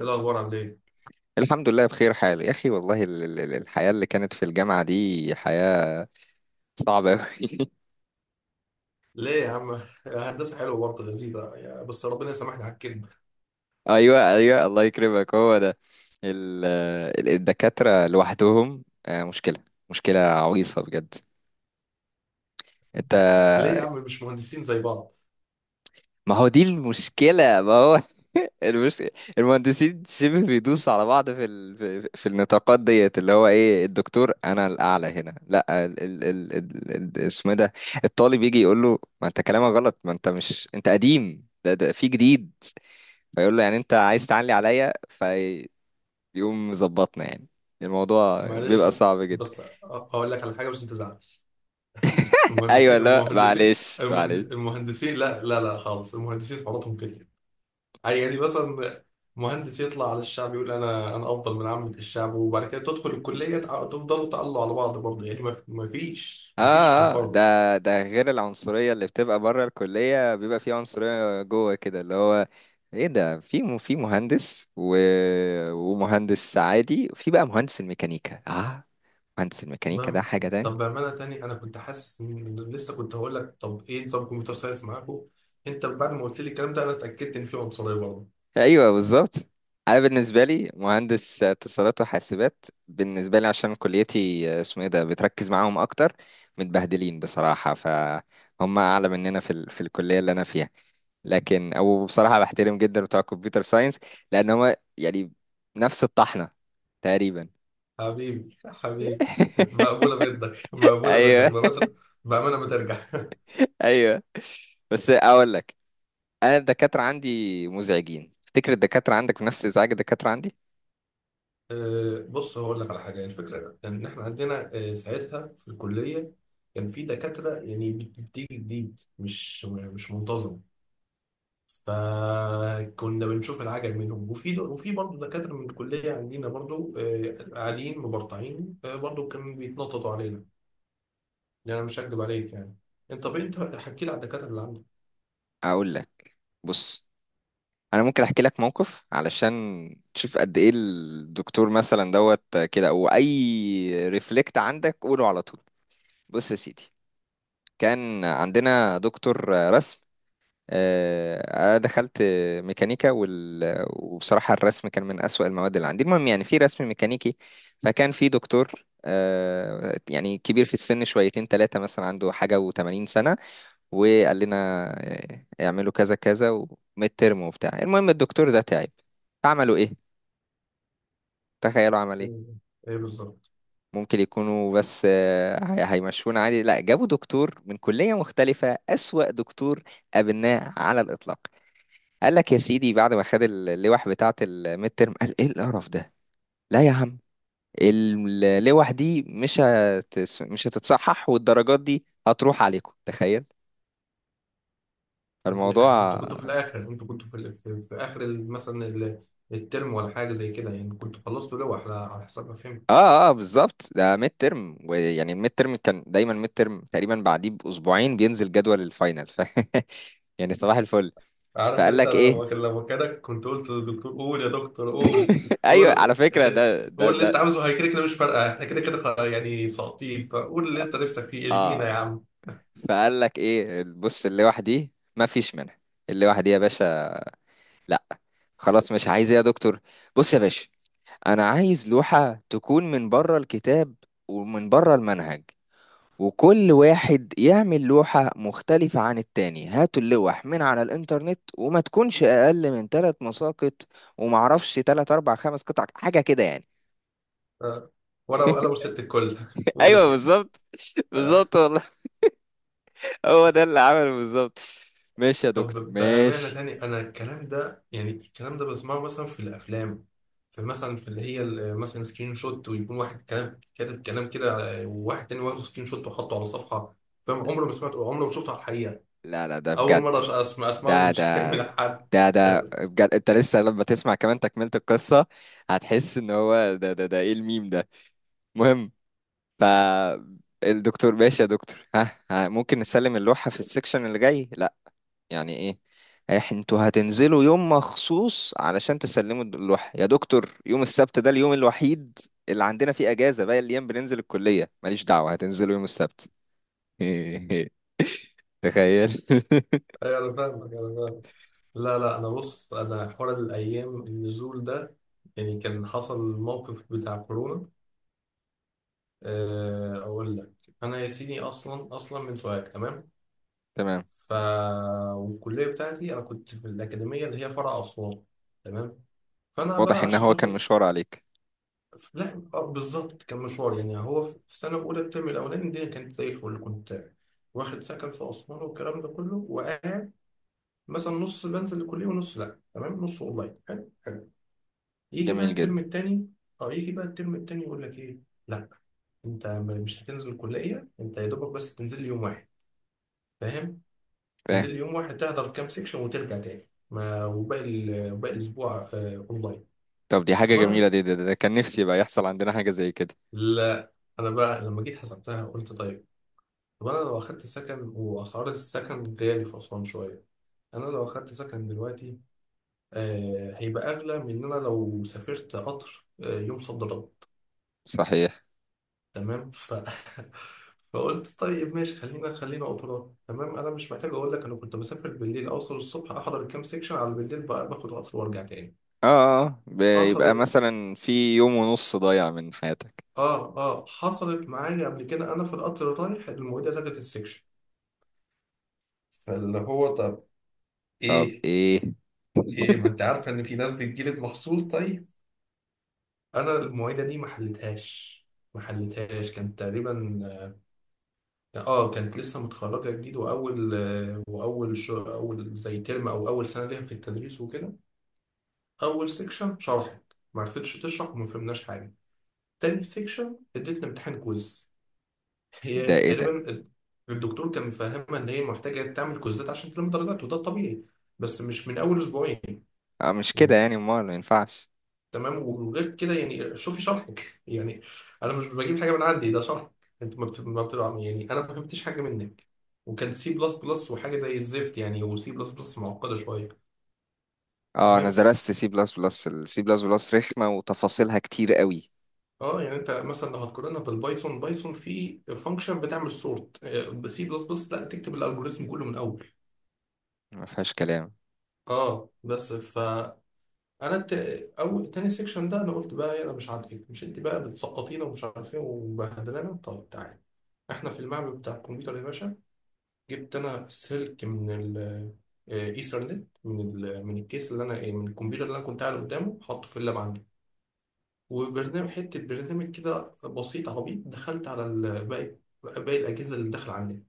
ايه الاخبار؟ عامل ايه؟ الحمد لله بخير حال يا اخي، والله الحياة اللي كانت في الجامعة دي حياة صعبة أوي. ليه يا عم؟ هندسه حلوه برضه لذيذه، بس ربنا يسامحني على الكذب. ايوه ايوه، الله يكرمك. هو ده ال- الدكاترة لوحدهم، مشكلة. مشكلة عويصة بجد. انت، ليه يا عم مش مهندسين زي بعض؟ ما هو دي المشكلة ما هو المشكلة. المهندسين شبه بيدوسوا على بعض في ال... في في النطاقات ديت، اللي هو ايه، الدكتور انا الاعلى هنا، لا اسمه إيه ده. الطالب يجي يقول له: ما انت كلامك غلط، ما انت مش، انت قديم ده في جديد. فيقول له يعني انت عايز تعلي عليا، فيقوم مظبطنا. يعني الموضوع معلش، بيبقى صعب جدا. بس اقول لك على حاجه، مش تزعلش. ايوه، لا معلش معلش. المهندسين، لا لا لا خالص، المهندسين حواراتهم كده. يعني مثلا مهندس يطلع على الشعب يقول انا افضل من عامه الشعب، وبعد كده تدخل الكليه تفضلوا تعلوا على بعض برضه، يعني ما ما فيش اه ما فيش اه، ده مفر. ده غير العنصرية اللي بتبقى بره الكلية، بيبقى في عنصرية جوه كده، اللي هو ايه ده. في مهندس و... ومهندس عادي، وفي بقى مهندس الميكانيكا. اه، مهندس الميكانيكا ده ما- حاجة تاني. طب بأمانة تاني، أنا كنت حاسس، إن لسه كنت هقول لك، طب إيه نظام كمبيوتر ساينس معاكم؟ أنت بعد ما قلت لي الكلام ده، أنا اتأكدت إن في عنصرية برضه. ايوه بالظبط. انا بالنسبه لي مهندس اتصالات وحاسبات، بالنسبه لي عشان كليتي اسمه ايه ده بتركز معاهم اكتر. متبهدلين بصراحه، فهم اعلى مننا في الكليه اللي انا فيها. لكن او بصراحه، بحترم جدا بتوع الكمبيوتر ساينس، لان هو يعني نفس الطحنه تقريبا. حبيبي حبيبي، مقبولة منك، مقبولة منك ايوه بأمانة. بأمانة ما ترجع. ايوه. بس اقول لك، انا الدكاتره عندي مزعجين، تفتكر الدكاتره عندك نفس ازعاج الدكاتره عندي؟ بص هقول لك على حاجة، يعني الفكرة إيه؟ إن إحنا عندنا، ساعتها في الكلية، كان في دكاترة، يعني بتيجي جديد، مش منتظم. فكنا بنشوف العجل منهم، وفي برضه دكاترة من الكلية عندنا برضه، قاعدين مبرطعين، برضه كانوا بيتنططوا علينا. يعني أنا مش هكدب عليك يعني. أنت، طب أنت حكي لي على الدكاترة اللي عندك. اقول لك، بص، انا ممكن احكي لك موقف علشان تشوف قد ايه الدكتور مثلا دوت كده، او اي ريفلكت عندك قوله على طول. بص يا سيدي، كان عندنا دكتور رسم. انا دخلت ميكانيكا وال... وبصراحة الرسم كان من اسوأ المواد اللي عندي. المهم، يعني في رسم ميكانيكي، فكان في دكتور يعني كبير في السن شويتين، ثلاثة مثلا عنده حاجة و80 سنة. وقال لنا اعملوا كذا كذا وميد ترم وبتاع. المهم الدكتور ده تعب، عملوا ايه؟ تخيلوا عمل ايه. إيه إيه بالظبط؟ ممكن يكونوا بس هيمشونا عادي، لا، جابوا دكتور من كلية مختلفة، أسوأ دكتور قابلناه على الإطلاق. قال لك يا سيدي بعد ما خد اللوح بتاعة الميد ترم قال: ايه القرف ده، لا يا عم، اللوح دي مش هتتصحح، والدرجات دي هتروح عليكم. تخيل طب يا إحنا، الموضوع. أنتوا كنتوا في الآخر، أنتوا كنتوا في آخر، مثلا الترم ولا حاجة زي كده، يعني كنتوا خلصتوا لوحة، على على حسب ما فهمت. اه اه بالظبط، ده ميد ترم، ويعني الميد ترم كان دايما، ميد ترم تقريبا بعديه باسبوعين بينزل جدول الفاينل ف يعني صباح الفل. عارف فقال انت، لك انا ايه؟ لما كنت قلت للدكتور، قول يا دكتور قول، ايوه، على قول فكره ده ده قول اللي انت ده عاوزه، هي كده كده مش فارقه، احنا كده كده يعني ساقطين، فقول اللي انت نفسك فيه، اشجينا يا اه، عم. فقال لك ايه؟ بص، اللي وحدي ما فيش منها، اللي وحدي يا باشا، لا خلاص. مش عايز إيه يا دكتور؟ بص يا باشا، انا عايز لوحه تكون من بره الكتاب ومن بره المنهج، وكل واحد يعمل لوحة مختلفة عن التاني، هاتوا اللوح من على الإنترنت، وما تكونش أقل من تلات مساقط، ومعرفش تلات أربع خمس قطع حاجة كده يعني. ف- ورقه وقلم وست الكل. قول. ايوه بالظبط، بالظبط والله، هو ده اللي عمله بالظبط. ماشي يا طب دكتور بامانه ماشي. تاني، انا الكلام ده، يعني الكلام ده بسمعه مثلا في الافلام، في مثلا في اللي هي مثلا سكرين شوت، ويكون واحد كلام كاتب كلام كده وواحد تاني واخد سكرين شوت وحطه على صفحه. فاهم؟ عمري ما سمعته، عمري ما شفته على الحقيقه. لا لا ده اول بجد، مره اسمع اسمعه ده من ده من حد. ده بجد. انت لسه لما تسمع كمان تكملة القصة هتحس ان هو ده ايه الميم ده. المهم، فالدكتور ماشي يا دكتور، ها، ها ممكن نسلم اللوحة في السكشن اللي جاي؟ لا. يعني ايه؟ انتوا هتنزلوا يوم مخصوص علشان تسلموا اللوحة يا دكتور؟ يوم السبت ده اليوم الوحيد اللي عندنا فيه اجازة، باقي الايام بننزل الكلية. ماليش دعوة، هتنزلوا يوم السبت. تخيل. ايوه انا فاهمك، انا فاهمك. لا لا، انا بص، انا حوار الايام النزول ده يعني كان حصل الموقف بتاع كورونا. اقول لك. انا يا سيدي، اصلا اصلا من سوهاج، تمام؟ تمام، ف والكليه بتاعتي انا كنت في الاكاديميه اللي هي فرع اسوان، تمام؟ فانا واضح بقى ان عشان هو كان اخد، مشوار عليك. لا بالظبط كان مشوار. يعني هو في سنه اولى الترم الاولاني، الدنيا كانت زي الفل، كنت واخد سكن في اسوان والكلام ده كله، وقاعد مثلا نص بنزل الكليه ونص لا، تمام، نص اونلاين، حلو حلو. يجي بقى جميل الترم جدا، التاني. اه يجي بقى الترم التاني يقول لك ايه، لا انت مش هتنزل الكليه، انت يا دوبك بس تنزل لي يوم واحد، فاهم؟ تنزل فاهم. لي يوم واحد تحضر كام سيكشن وترجع تاني، ما وباقي ال- وباقي الاسبوع اونلاين. طب دي حاجة طب جميلة، انا، دي ده كان نفسي بقى يحصل عندنا حاجة زي كده. لا انا بقى لما جيت حسبتها قلت طيب، طب انا لو اخدت سكن، واسعار السكن غالي في اسوان شويه، انا لو اخدت سكن دلوقتي هيبقى اغلى من ان انا لو سافرت قطر يوم صد رد. صحيح. تمام. فقلت طيب ماشي، خلينا خلينا قطران. تمام انا مش محتاج اقول لك، انا كنت بسافر بالليل، اوصل الصبح، احضر الكام سيكشن على بالليل بقى باخد قطر وارجع تاني. اه، بيبقى حصلت، مثلا في يوم ونص ضايع من حياتك. اه حصلت معايا قبل كده، انا في القطر رايح المعيده لغت السيكشن. فاللي هو طب طب ايه؟ ايه ايه، ما انت عارفه ان في ناس بتجيلك مخصوص؟ طيب. انا المعيده دي ما حلتهاش، ما حلتهاش، كان تقريبا، اه كانت لسه متخرجة جديد، وأول وأول شو أول زي ترم، أو أول سنة ليها في التدريس وكده. أول سيكشن شرحت، معرفتش تشرح، وما فهمناش حاجة. تاني سيكشن اديتنا امتحان كويز، هي ده؟ ايه ده. تقريبا الدكتور كان مفهمها إن هي محتاجة تعمل كويزات عشان تلم درجات، وده الطبيعي، بس مش من أول أسبوعين اه مش كده يعني. يعني، امال ما ينفعش. تمام، وغير كده يعني، شوفي شرحك يعني، انا مش بجيب حاجه من عندي، ده شرحك. انت ما بت- ما بت- يعني انا ما فهمتش حاجه منك. وكان سي بلس بلس، وحاجه زي الزفت يعني، وسي بلس بلس معقده شويه. اه، انا تمام. درست سي بلس بلس، السي بلس بلس رخمة وتفاصيلها كتير قوي. اه يعني انت مثلا لو هتقارنها بالبايثون، بايثون في فانكشن بتعمل سورت، سي بلس بلس لا، تكتب الالجوريزم كله من اول. ما فيهاش كلام. اه بس فانا، الت... او تاني سيكشن ده انا قلت بقى إيه، انا مش عاجبك؟ مش انت بقى بتسقطينا ومش عارف ايه، ومبهدلانا؟ طب تعالى. احنا في المعمل بتاع الكمبيوتر يا باشا، جبت انا السلك من ايثرنت، من من الكيس اللي انا إيه، من الكمبيوتر اللي انا كنت قاعد قدامه، حاطه في اللاب عندي، وبرنامج، حته برنامج كده بسيط عبيط، دخلت على باقي باقي الاجهزه اللي داخله عندي،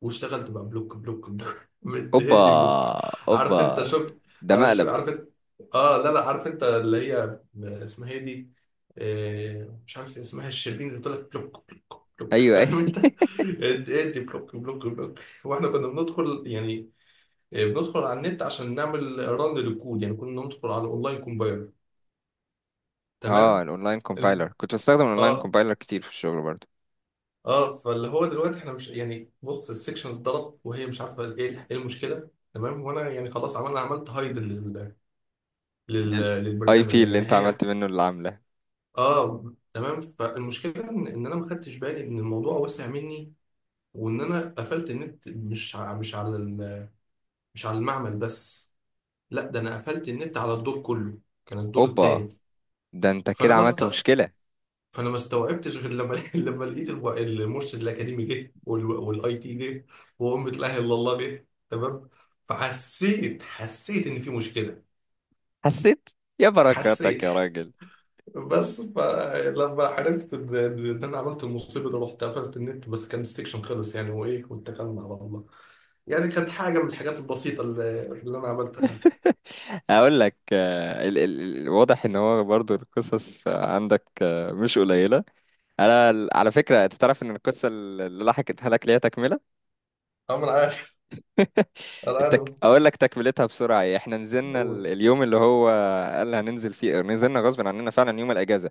واشتغلت بقى بلوك بلوك بلوك اوبا، مدي بلوك. اوبا، عارف انت، شفت؟ ده عارف مقلب. عارف انت، اه لا لا، عارف انت اللي هي اسمها ايه دي، آه مش عارف اسمها، الشربين اللي طلع بلوك بلوك بلوك، ايوه فاهم اي. انت؟ ادي ادي بلوك بلوك بلوك. واحنا كنا بندخل يعني بندخل على النت عشان نعمل رن للكود، يعني كنا ندخل على اونلاين كومبايلر، اه، تمام؟ الاونلاين الم- كومبايلر، كنت بستخدم الاونلاين اه كومبايلر كتير في الشغل برضو. اه فاللي هو دلوقتي احنا مش يعني، بص السكشن اتضرب وهي مش عارفه ايه، ايه المشكله، تمام، وانا يعني خلاص عملنا، عملت هايد الاي للبرنامج بي ده، اللي يعني انت هي، عملت منه اللي عامله. اه تمام. فالمشكله إن انا ما خدتش بالي ان الموضوع وسع مني، وان انا قفلت النت مش مش على مش على المعمل بس، لا ده انا قفلت النت على الدور كله، كان الدور اوبا، التاني. ده انت فانا كده بس، عملت مشكلة. فانا ما استوعبتش غير لما لما لقيت المرشد الاكاديمي جه، والاي تي جه، وامة لا اله الا الله جه، تمام. فحسيت حسيت ان في مشكله. حسيت، يا بركاتك حسيت. يا راجل. بس فلما عرفت إن انا عملت المصيبه دي، رحت قفلت النت، بس كان السكشن خلص يعني، وايه، واتكلنا على الله. يعني كانت حاجه من الحاجات البسيطه اللي انا عملتها. اقول لك واضح ان هو برضو القصص عندك، مش قليله. انا على فكره، انت تعرف ان القصه اللي لحقتها لك ليها تكمله. أه، انا عارف، انا عارف. اقول لك تكملتها بسرعه إيه. احنا نزلنا أقول. اليوم اللي هو قال هننزل فيه، نزلنا غصب عننا فعلا يوم الاجازه،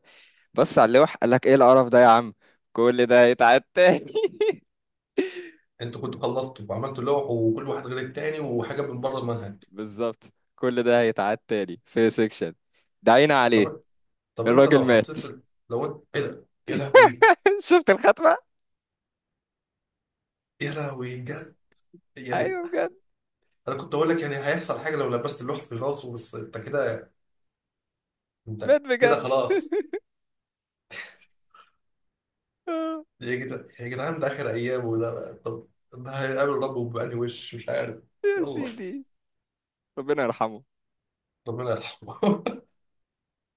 بص على اللوح قال لك: ايه القرف ده يا عم، كل ده هيتعاد تاني. انتوا كنتوا خلصتوا وعملتوا لوح، وكل واحد غير التاني، وحاجه من بره المنهج. بالظبط، كل ده هيتعاد تاني في سيكشن، دعينا عليه. طب، طب انت الراجل لو مات. حطيت لو انت، ايه ده يا لهوي؟ شفت الخاتمه. يا لهوي بجد. يعني ايوه بجد، انا كنت اقول لك يعني هيحصل حاجه لو لبست اللوح في راسه، بس انت كده، مات انت كده بجد. خلاص. يا جدعان يا جدعان، ده اخر ايامه، وده طب ده هيقابل ربه بأني وش، مش عارف. يا يلا، سيدي، ربنا يرحمه. ربنا يرحمه.